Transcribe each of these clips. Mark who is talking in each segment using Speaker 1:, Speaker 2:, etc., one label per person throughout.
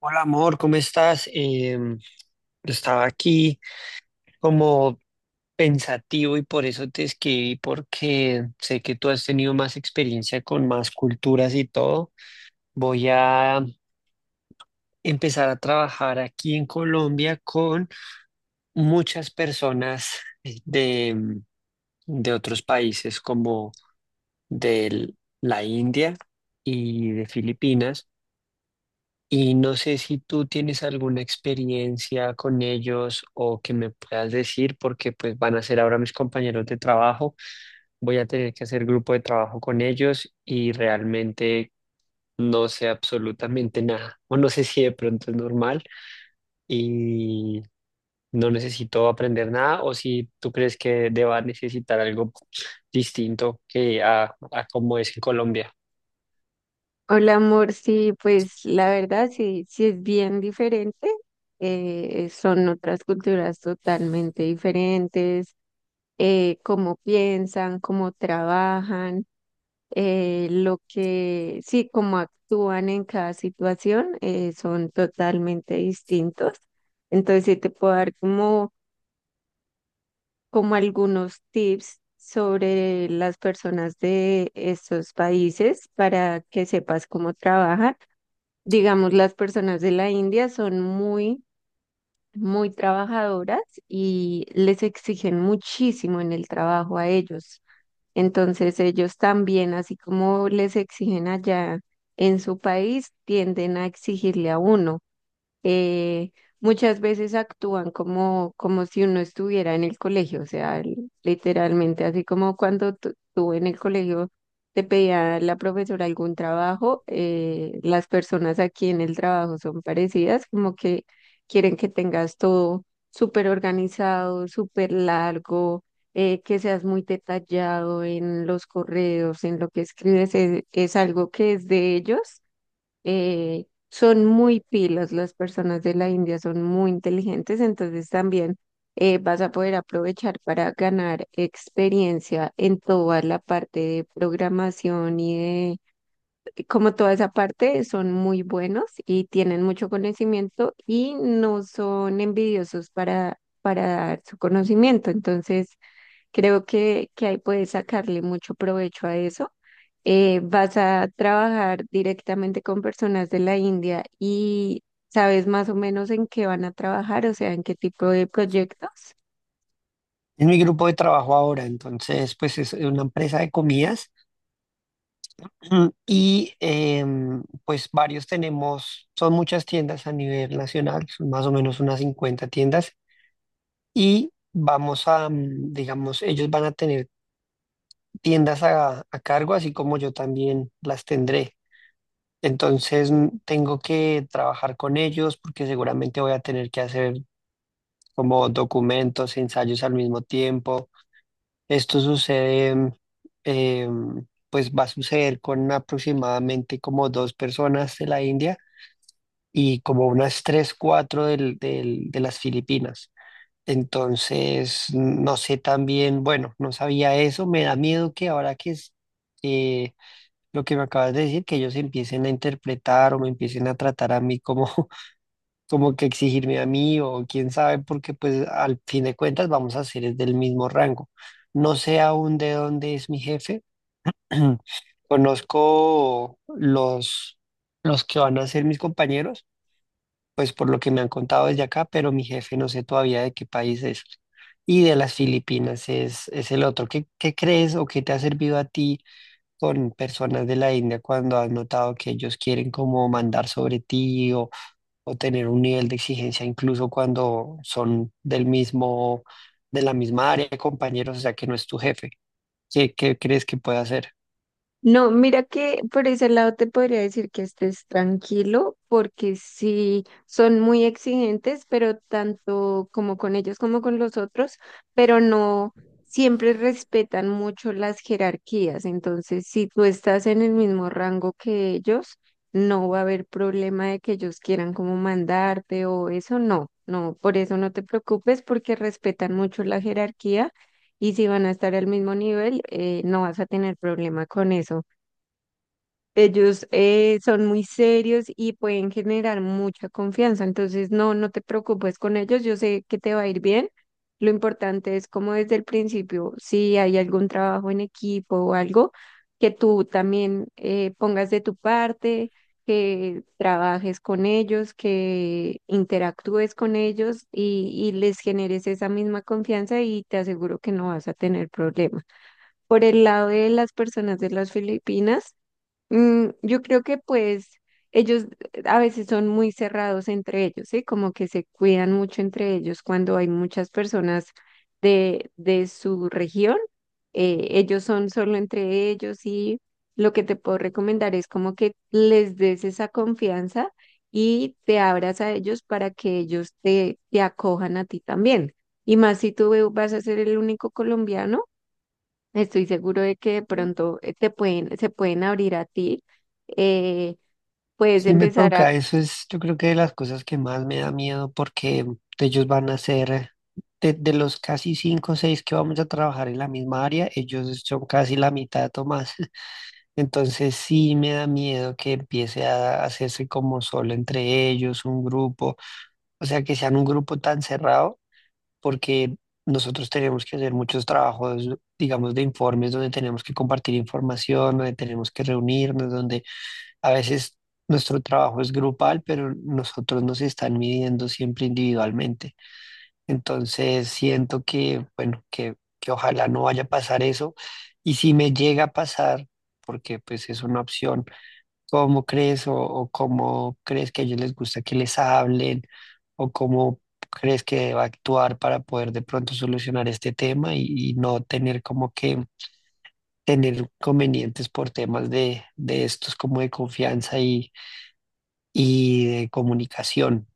Speaker 1: Hola amor, ¿cómo estás? Yo estaba aquí como pensativo y por eso te escribí, porque sé que tú has tenido más experiencia con más culturas y todo. Voy a empezar a trabajar aquí en Colombia con muchas personas de, de otros países como de la India y de Filipinas. Y no sé si tú tienes alguna experiencia con ellos o que me puedas decir, porque pues van a ser ahora mis compañeros de trabajo. Voy a tener que hacer grupo de trabajo con ellos y realmente no sé absolutamente nada. O no sé si de pronto es normal y no necesito aprender nada o si tú crees que deba necesitar algo distinto que a como es en Colombia.
Speaker 2: Hola amor, sí, pues la verdad sí es bien diferente. Son otras culturas totalmente diferentes, cómo piensan, cómo trabajan, lo que, sí, cómo actúan en cada situación, son totalmente distintos. Entonces sí te puedo dar como algunos tips sobre las personas de estos países para que sepas cómo trabajan. Digamos, las personas de la India son muy trabajadoras y les exigen muchísimo en el trabajo a ellos. Entonces, ellos también, así como les exigen allá en su país, tienden a exigirle a uno. eh, Muchas veces actúan como si uno estuviera en el colegio, o sea, literalmente, así como cuando tú en el colegio te pedía la profesora algún trabajo, las personas aquí en el trabajo son parecidas, como que quieren que tengas todo súper organizado, súper largo. Que seas muy detallado en los correos, en lo que escribes, es algo que es de ellos. Son muy pilas, las personas de la India son muy inteligentes, entonces también vas a poder aprovechar para ganar experiencia en toda la parte de programación y de, como toda esa parte, son muy buenos y tienen mucho conocimiento y no son envidiosos para dar su conocimiento, entonces... Creo que ahí puedes sacarle mucho provecho a eso. Vas a trabajar directamente con personas de la India y sabes más o menos en qué van a trabajar, o sea, en qué tipo de proyectos.
Speaker 1: Es mi grupo de trabajo ahora, entonces pues es una empresa de comidas. Y pues varios tenemos, son muchas tiendas a nivel nacional, son más o menos unas 50 tiendas y vamos a, digamos, ellos van a tener tiendas a cargo, así como yo también las tendré. Entonces tengo que trabajar con ellos porque seguramente voy a tener que hacer como documentos, ensayos al mismo tiempo. Esto sucede, pues va a suceder con aproximadamente como dos personas de la India y como unas tres, cuatro de las Filipinas. Entonces, no sé también, bueno, no sabía eso, me da miedo que ahora que es eh, lo que me acabas de decir, que ellos empiecen a interpretar o me empiecen a tratar a mí como, como que exigirme a mí o quién sabe, porque pues al fin de cuentas vamos a ser es del mismo rango. No sé aún de dónde es mi jefe. Conozco los que van a ser mis compañeros pues por lo que me han contado desde acá, pero mi jefe no sé todavía de qué país es. Y de las Filipinas es el otro. Qué crees o qué te ha servido a ti con personas de la India cuando has notado que ellos quieren como mandar sobre ti o tener un nivel de exigencia incluso cuando son del mismo, de la misma área, compañeros, o sea que no es tu jefe? Qué crees que puede hacer?
Speaker 2: No, mira que por ese lado te podría decir que estés tranquilo, porque sí son muy exigentes, pero tanto como con ellos como con los otros, pero no siempre respetan mucho las jerarquías. Entonces, si tú estás en el mismo rango que ellos, no va a haber problema de que ellos quieran como mandarte o eso, no. No, por eso no te preocupes porque respetan mucho la jerarquía y si van a estar al mismo nivel, no vas a tener problema con eso. Ellos son muy serios y pueden generar mucha confianza, entonces no, no te preocupes con ellos, yo sé que te va a ir bien. Lo importante es como desde el principio, si hay algún trabajo en equipo o algo, que tú también pongas de tu parte, que trabajes con ellos, que interactúes con ellos y les generes esa misma confianza y te aseguro que no vas a tener problemas. Por el lado de las personas de las Filipinas, mm, yo creo que pues ellos a veces son muy cerrados entre ellos, ¿sí? Como que se cuidan mucho entre ellos cuando hay muchas personas de su región. Ellos son solo entre ellos y lo que te puedo recomendar es como que les des esa confianza y te abras a ellos para que ellos te acojan a ti también. Y más si tú vas a ser el único colombiano. Estoy seguro de que de pronto te pueden, se pueden abrir a ti. eh, Puedes
Speaker 1: Sí me
Speaker 2: empezar.
Speaker 1: toca, eso es yo creo que de las cosas que más me da miedo porque ellos van a ser, de los casi cinco o seis que vamos a trabajar en la misma área, ellos son casi la mitad o más. Entonces sí me da miedo que empiece a hacerse como solo entre ellos, un grupo, o sea, que sean un grupo tan cerrado porque nosotros tenemos que hacer muchos trabajos, digamos, de informes donde tenemos que compartir información, donde tenemos que reunirnos, donde a veces nuestro trabajo es grupal, pero nosotros nos están midiendo siempre individualmente. Entonces siento que, bueno, que ojalá no vaya a pasar eso. Y si me llega a pasar, porque pues es una opción, ¿cómo crees o cómo crees que a ellos les gusta que les hablen o cómo crees que deba actuar para poder de pronto solucionar este tema y no tener como que tener convenientes por temas de estos como de confianza y de comunicación.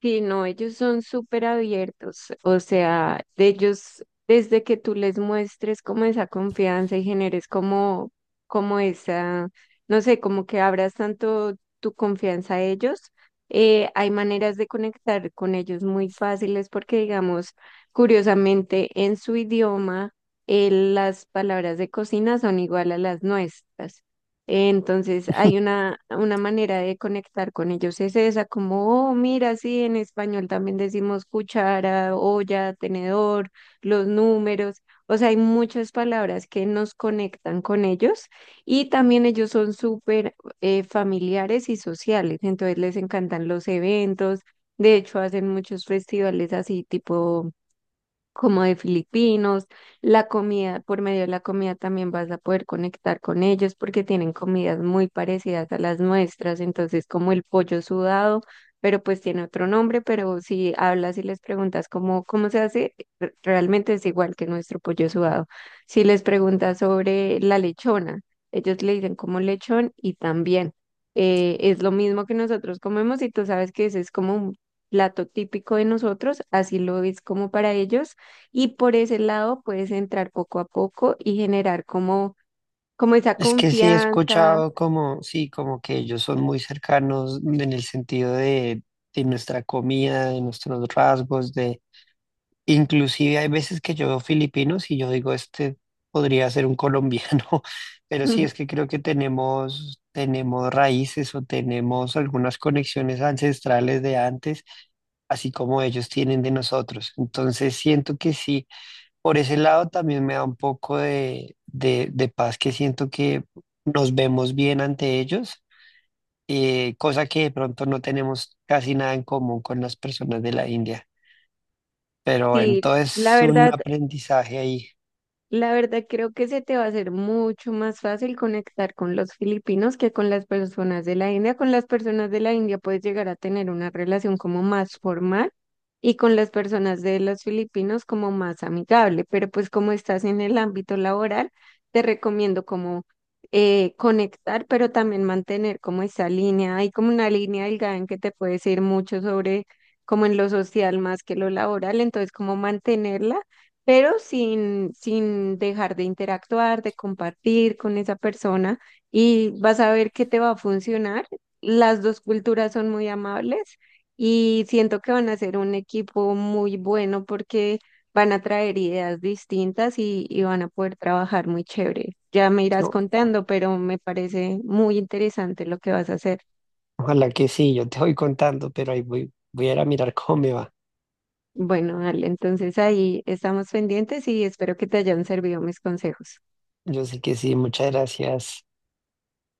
Speaker 2: Sí, no, ellos son súper abiertos, o sea, de ellos, desde que tú les muestres como esa confianza y generes como, como esa, no sé, como que abras tanto tu confianza a ellos, hay maneras de conectar con ellos muy fáciles porque, digamos, curiosamente, en su idioma, las palabras de cocina son igual a las nuestras. Entonces hay una manera de conectar con ellos, es esa, como, oh, mira, sí, en español también decimos cuchara, olla, tenedor, los números, o sea, hay muchas palabras que nos conectan con ellos y también ellos son súper familiares y sociales, entonces les encantan los eventos, de hecho hacen muchos festivales así tipo como de filipinos, la comida, por medio de la comida también vas a poder conectar con ellos porque tienen comidas muy parecidas a las nuestras, entonces como el pollo sudado, pero pues tiene otro nombre, pero si hablas y les preguntas cómo, cómo se hace, realmente es igual que nuestro pollo sudado. Si les preguntas sobre la lechona, ellos le dicen como lechón y también es lo mismo que nosotros comemos y tú sabes que ese es como un plato típico de nosotros, así lo es como para ellos y por ese lado puedes entrar poco a poco y generar como, como esa
Speaker 1: Es que sí he
Speaker 2: confianza.
Speaker 1: escuchado como, sí, como que ellos son muy cercanos en el sentido de nuestra comida, de nuestros rasgos, de inclusive hay veces que yo veo filipinos y yo digo, este podría ser un colombiano, pero sí es que creo que tenemos raíces o tenemos algunas conexiones ancestrales de antes así como ellos tienen de nosotros. Entonces siento que sí, por ese lado también me da un poco de- paz que siento que nos vemos bien ante ellos, cosa que de pronto no tenemos casi nada en común con las personas de la India. Pero bueno,
Speaker 2: Sí,
Speaker 1: todo
Speaker 2: la
Speaker 1: es un
Speaker 2: verdad,
Speaker 1: aprendizaje ahí.
Speaker 2: La verdad, creo que se te va a hacer mucho más fácil conectar con los filipinos que con las personas de la India. Con las personas de la India puedes llegar a tener una relación como más formal y con las personas de los filipinos como más amigable. Pero pues como estás en el ámbito laboral, te recomiendo como conectar, pero también mantener como esa línea. Hay como una línea delgada en que te puedes ir mucho sobre como en lo social más que lo laboral. Entonces, como mantenerla pero sin dejar de interactuar, de compartir con esa persona y vas a ver que te va a funcionar. Las dos culturas son muy amables y siento que van a ser un equipo muy bueno porque van a traer ideas distintas y van a poder trabajar muy chévere. Ya me irás
Speaker 1: Yo-
Speaker 2: contando, pero me parece muy interesante lo que vas a hacer.
Speaker 1: Ojalá que sí, yo te voy contando, pero ahí voy a ir a mirar cómo me va.
Speaker 2: Bueno, Ale, entonces ahí estamos pendientes y espero que te hayan servido mis consejos.
Speaker 1: Yo sé que sí, muchas gracias.